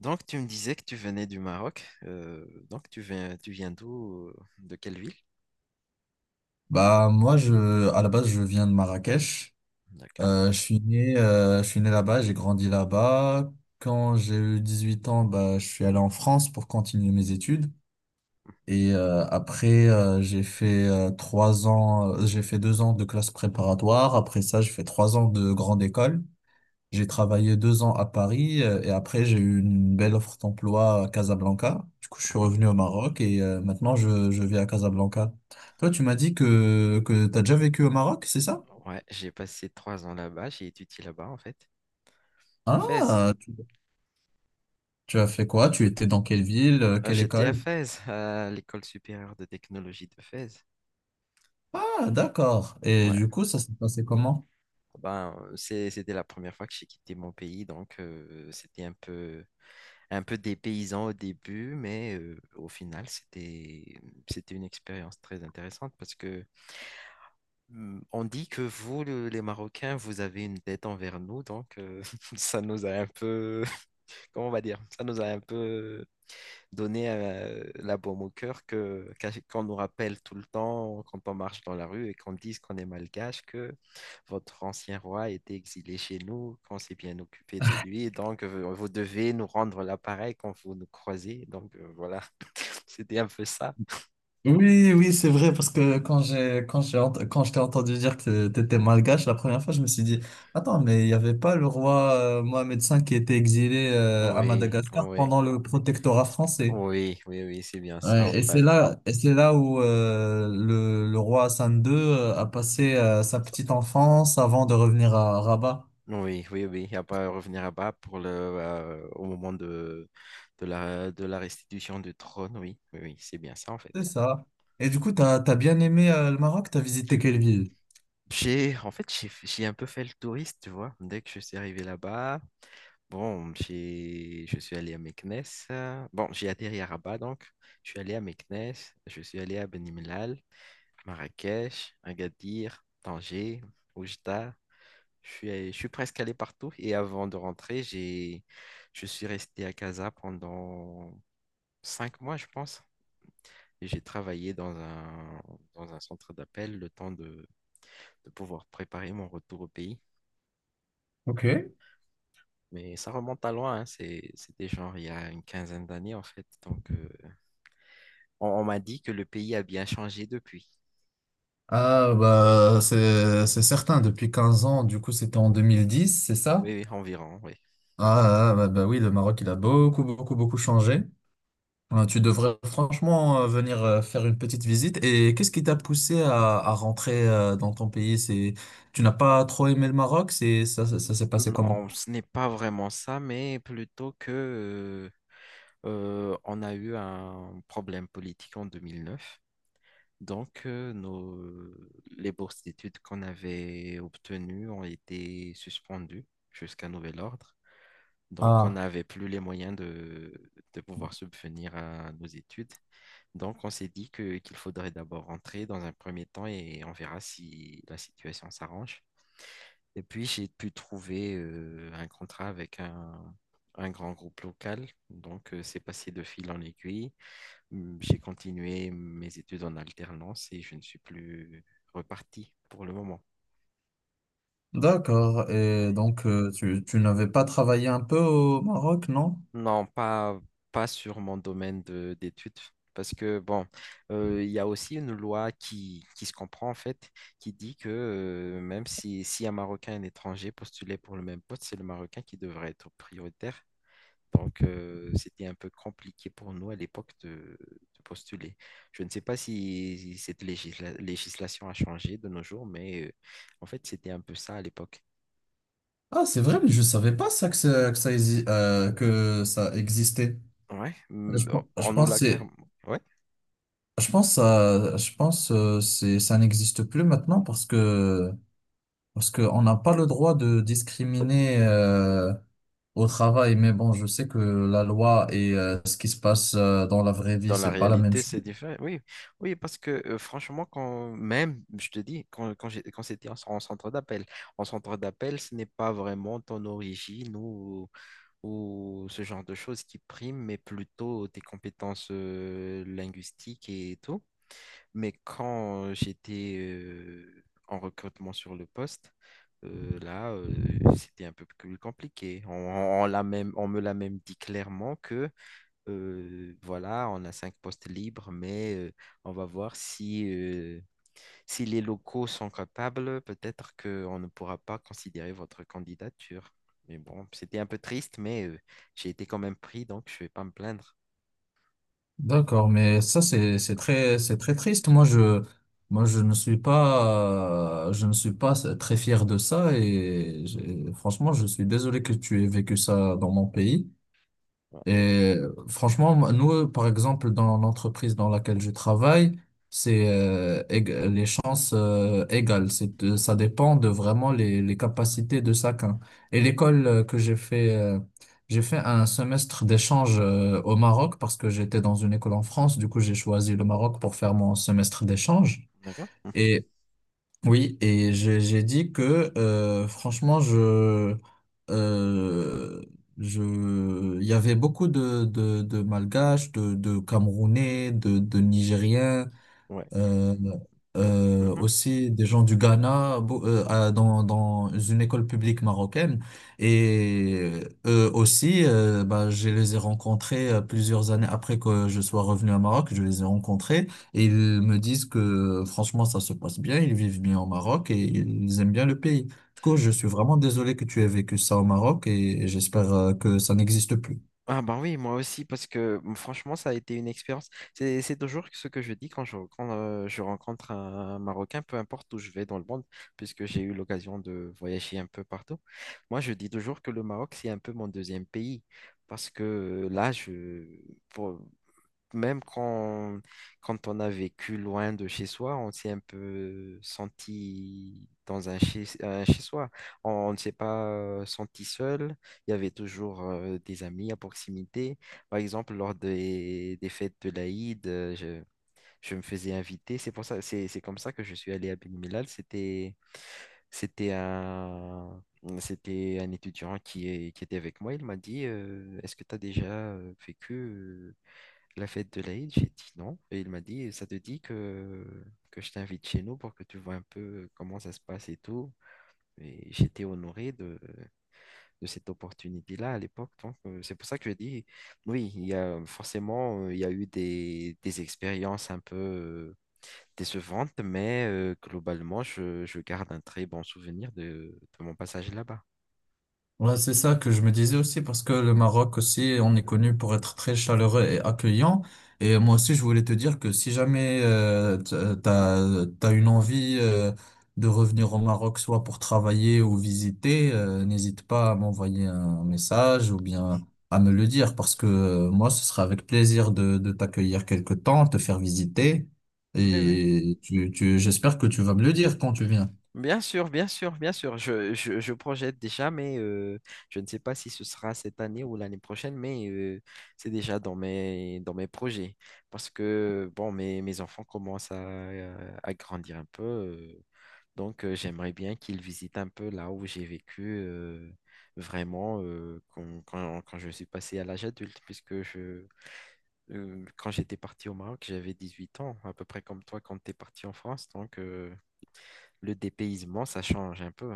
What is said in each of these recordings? Donc, tu me disais que tu venais du Maroc. Donc, tu viens d'où? De quelle ville? Moi je à la base je viens de Marrakech. D'accord. Je suis né je suis né là-bas, j'ai grandi là-bas. Quand j'ai eu 18 ans, je suis allé en France pour continuer mes études. Et après j'ai fait 3 ans, j'ai fait 2 ans de classe préparatoire. Après ça j'ai fait 3 ans de grande école. J'ai travaillé 2 ans à Paris et après j'ai eu une belle offre d'emploi à Casablanca. Du coup, je suis Mhm. revenu au Maroc et maintenant je vis à Casablanca. Toi, tu m'as dit que tu as déjà vécu au Maroc, c'est ça? Ouais, j'ai passé 3 ans là-bas. J'ai étudié là-bas, en fait, à Fès. Ah, tu as fait quoi? Tu étais dans quelle ville? Quelle J'étais à école? Fès, à l'école supérieure de technologie de Fès. Ah, d'accord. Et Ouais. du coup, ça s'est passé comment? Ah ben, c'était la première fois que j'ai quitté mon pays, donc c'était un peu dépaysant au début, mais au final, c'était une expérience très intéressante parce que... Hmm, on dit que vous, les Marocains, vous avez une dette envers nous, donc ça nous a un peu, comment on va dire, ça nous a un peu donné la baume au cœur que qu'on nous rappelle tout le temps quand on marche dans la rue et qu'on dise qu'on est malgache, que votre ancien roi était exilé chez nous, qu'on s'est bien occupé de lui, donc vous devez nous rendre l'appareil quand vous nous croisez, donc voilà, c'était un peu ça. Oui, oui, c'est vrai, parce que quand je t'ai entendu dire que t'étais malgache la première fois, je me suis dit, attends, mais il n'y avait pas le roi Mohamed V qui était exilé à Oui, Madagascar oui, pendant le protectorat français. oui, oui, oui, c'est bien ça en Ouais, fait. Et c'est là où le roi Hassan II a passé sa petite enfance avant de revenir à Rabat. Oui, oui, oui, il n'y a pas à revenir à bas pour au moment de la restitution du trône. Oui, oui, oui, c'est bien ça en C'est fait. ça. Et du coup, t'as bien aimé le Maroc, t'as visité quelle ville? J'ai, en fait, j'ai un peu fait le touriste, tu vois, dès que je suis arrivé là-bas. Bon, je suis allé à Meknès. Bon, j'ai atterri à Rabat, donc je suis allé à Meknès, je suis allé à Benimlal, Marrakech, Agadir, Tanger, Oujda. Je suis presque allé partout et avant de rentrer, je suis resté à Casa pendant 5 mois, je pense. Et j'ai travaillé dans un centre d'appel le temps de pouvoir préparer mon retour au pays. Ok. Mais ça remonte à loin, hein, c'était genre il y a une quinzaine d'années en fait. Donc on m'a dit que le pays a bien changé depuis. Ah, bah, c'est certain, depuis 15 ans, du coup, c'était en 2010 c'est ça? Oui, oui, environ, oui. Ah, ah, bah oui, le Maroc, il a beaucoup, beaucoup, beaucoup changé. Tu devrais franchement venir faire une petite visite. Et qu'est-ce qui t'a poussé à rentrer dans ton pays? Tu n'as pas trop aimé le Maroc? Ça s'est passé comment? Non, ce n'est pas vraiment ça, mais plutôt que on a eu un problème politique en 2009. Donc, les bourses d'études qu'on avait obtenues ont été suspendues jusqu'à nouvel ordre. Donc, on Ah, n'avait plus les moyens de pouvoir subvenir à nos études. Donc, on s'est dit qu'il faudrait d'abord rentrer dans un premier temps et on verra si la situation s'arrange. Et puis, j'ai pu trouver un contrat avec un grand groupe local. Donc, c'est passé de fil en aiguille. J'ai continué mes études en alternance et je ne suis plus reparti pour le moment. d'accord. Ouais. Et donc, tu n'avais pas travaillé un peu au Maroc, non? Non, pas sur mon domaine d'études. Parce que, bon, il y a aussi une loi qui se comprend, en fait, qui dit que même si un Marocain et un étranger postulait pour le même poste, c'est le Marocain qui devrait être prioritaire. Donc, c'était un peu compliqué pour nous à l'époque de postuler. Je ne sais pas si cette législation a changé de nos jours, mais en fait, c'était un peu ça à l'époque. Ah, c'est vrai, mais je savais pas ça que, ça- que ça exi- que ça existait. Ouais, on Je on nous pense que l'a carrément. Ouais, je pense c'est ça n'existe plus maintenant parce que on n'a pas le droit de discriminer au travail, mais bon je sais que la loi et ce qui se passe dans la vraie vie dans la c'est pas la même réalité, chose. c'est différent. Oui, oui, parce que franchement, quand même, je te dis, quand c'était en centre d'appel, ce n'est pas vraiment ton origine ou ce genre de choses qui priment, mais plutôt des compétences linguistiques et tout. Mais quand j'étais en recrutement sur le poste, là, c'était un peu plus compliqué. On l'a même, on me l'a même dit clairement que voilà, on a cinq postes libres, mais on va voir si les locaux sont capables, peut-être qu'on ne pourra pas considérer votre candidature. Mais bon, c'était un peu triste, mais j'ai été quand même pris, donc je ne vais pas me plaindre. D'accord, mais ça c'est très triste. Moi je ne suis pas je ne suis pas très fier de ça franchement je suis désolé que tu aies vécu ça dans mon pays. Ouais, Et franchement, moi, nous, par exemple, dans l'entreprise dans laquelle je travaille, c'est les chances égales. Ça dépend de vraiment les capacités de chacun. Et l'école que j'ai fait un semestre d'échange au Maroc parce que j'étais dans une école en France. Du coup, j'ai choisi le Maroc pour faire mon semestre d'échange. d'accord? Mhm. Oui, et j'ai dit que euh, il y avait beaucoup de Malgaches, de Camerounais, de Nigériens, Ouais. euh, Mhm. aussi des gens du Ghana dans une école publique marocaine. Et eux aussi, je les ai rencontrés plusieurs années après que je sois revenu à Maroc, je les ai rencontrés et ils me disent que franchement, ça se passe bien, ils vivent bien au Maroc et ils aiment bien le pays. Du coup, je suis vraiment désolé que tu aies vécu ça au Maroc et j'espère que ça n'existe plus. Ah ben oui, moi aussi, parce que bon, franchement, ça a été une expérience. C'est toujours ce que je dis quand je rencontre un Marocain, peu importe où je vais dans le monde, puisque j'ai eu l'occasion de voyager un peu partout. Moi, je dis toujours que le Maroc, c'est un peu mon deuxième pays, parce que pour- même quand on a vécu loin de chez soi, on s'est un peu senti dans un chez soi. On ne s'est pas senti seul. Il y avait toujours des amis à proximité. Par exemple, lors des fêtes de l'Aïd, je me faisais inviter. C'est pour ça, c'est comme ça que je suis allé à Ben Mellal. C'était un, c'était un étudiant qui était avec moi. Il m'a dit, est-ce que tu as déjà vécu la fête de l'Aïd? J'ai dit non. Et il m'a dit, ça te dit que je t'invite chez nous pour que tu vois un peu comment ça se passe et tout. Et j'étais honoré de cette opportunité-là à l'époque. Donc, c'est pour ça que je dis, oui, il y a eu des expériences un peu décevantes, mais globalement, je garde un très bon souvenir de mon passage là-bas. Ouais, c'est ça que je me disais aussi parce que le Maroc aussi, on est connu pour être très chaleureux et accueillant. Et moi aussi, je voulais te dire que si jamais t'as une envie de revenir au Maroc, soit pour travailler ou visiter, n'hésite pas à m'envoyer un message ou bien à me le dire parce que moi, ce sera avec plaisir de t'accueillir quelque temps, te faire visiter. Oui, oui. Et tu tu j'espère que tu vas me le dire quand tu viens. Bien sûr, bien sûr, bien sûr. Je projette déjà, mais je ne sais pas si ce sera cette année ou l'année prochaine, mais c'est déjà dans mes projets. Parce que, bon, mes enfants commencent à grandir un peu. Donc, j'aimerais bien qu'ils visitent un peu là où j'ai vécu euh, vraiment quand je suis passé à l'âge adulte, puisque quand j'étais parti au Maroc, j'avais 18 ans, à peu près comme toi quand tu es parti en France. Donc, le dépaysement, ça change un peu.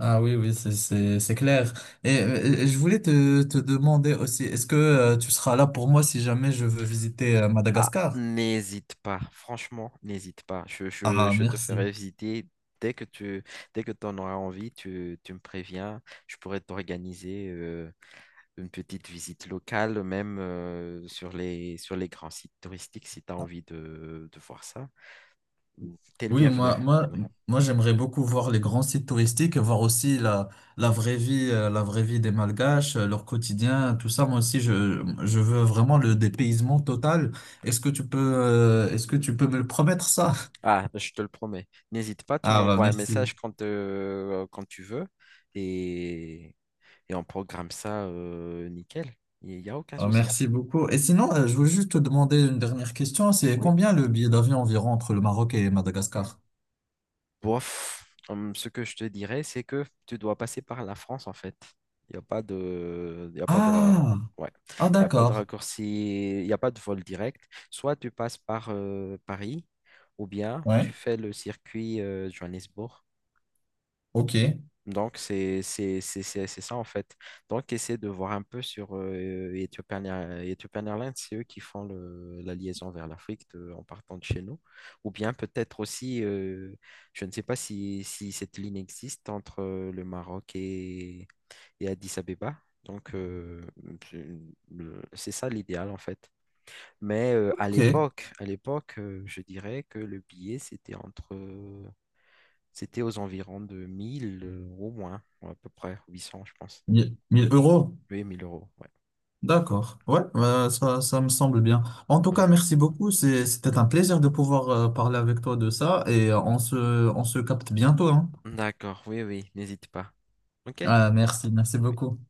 Ah oui, oui, c'est clair. Et je voulais te demander aussi, est-ce que Hmm. Tu seras là pour moi si jamais je veux visiter Ah, Madagascar? n'hésite pas, franchement, n'hésite pas. Je, je- Ah, je te merci. ferai visiter dès que tu dès que tu en auras envie. Tu me préviens. Je pourrais t'organiser une petite visite locale, même sur sur les grands sites touristiques si tu as envie de voir ça. T'es le Oui, bienvenu. Oui. moi, j'aimerais beaucoup voir les grands sites touristiques et voir aussi la vraie vie des Malgaches, leur quotidien, tout ça. Moi aussi, je veux vraiment le dépaysement total. Est-ce que tu peux, me le promettre ça? Ah, je te le promets. N'hésite pas, tu Ah, bah, m'envoies un merci. message quand tu veux et on programme ça nickel. Il n'y a aucun Oh, souci. merci beaucoup. Et sinon, je veux juste te demander une dernière question. C'est Oui. combien le billet d'avion environ entre le Maroc et Madagascar? Bof, ce que je te dirais, c'est que tu dois passer par la France, en fait. Il y a pas de, Ah, ouais. ah ouais. Il y a pas de D'accord. raccourci, il n'y a pas de vol direct. Soit tu passes par Paris, ou bien Ouais, tu fais le circuit Johannesburg. ok, Donc, c'est ça en fait. Donc, essaie de voir un peu sur Ethiopian Airlines, c'est eux qui font la liaison vers l'Afrique en partant de chez nous. Ou bien peut-être aussi, je ne sais pas si cette ligne existe entre le Maroc et Addis Abeba. Donc, c'est c'est ça l'idéal en fait. Mais ok. À l'époque, je dirais que le billet, c'était aux environs de 1 000 € moins, ou à peu près 800, je pense. 1000 euros. Oui, 1000 euros, ouais. D'accord. Ouais, ça me semble bien. En tout cas, Ouais. merci beaucoup. C'était un plaisir de pouvoir parler avec toi de ça et on se capte bientôt, hein. D'accord, oui, oui, n'hésite pas. Ok. Ah, merci, merci Oui. beaucoup.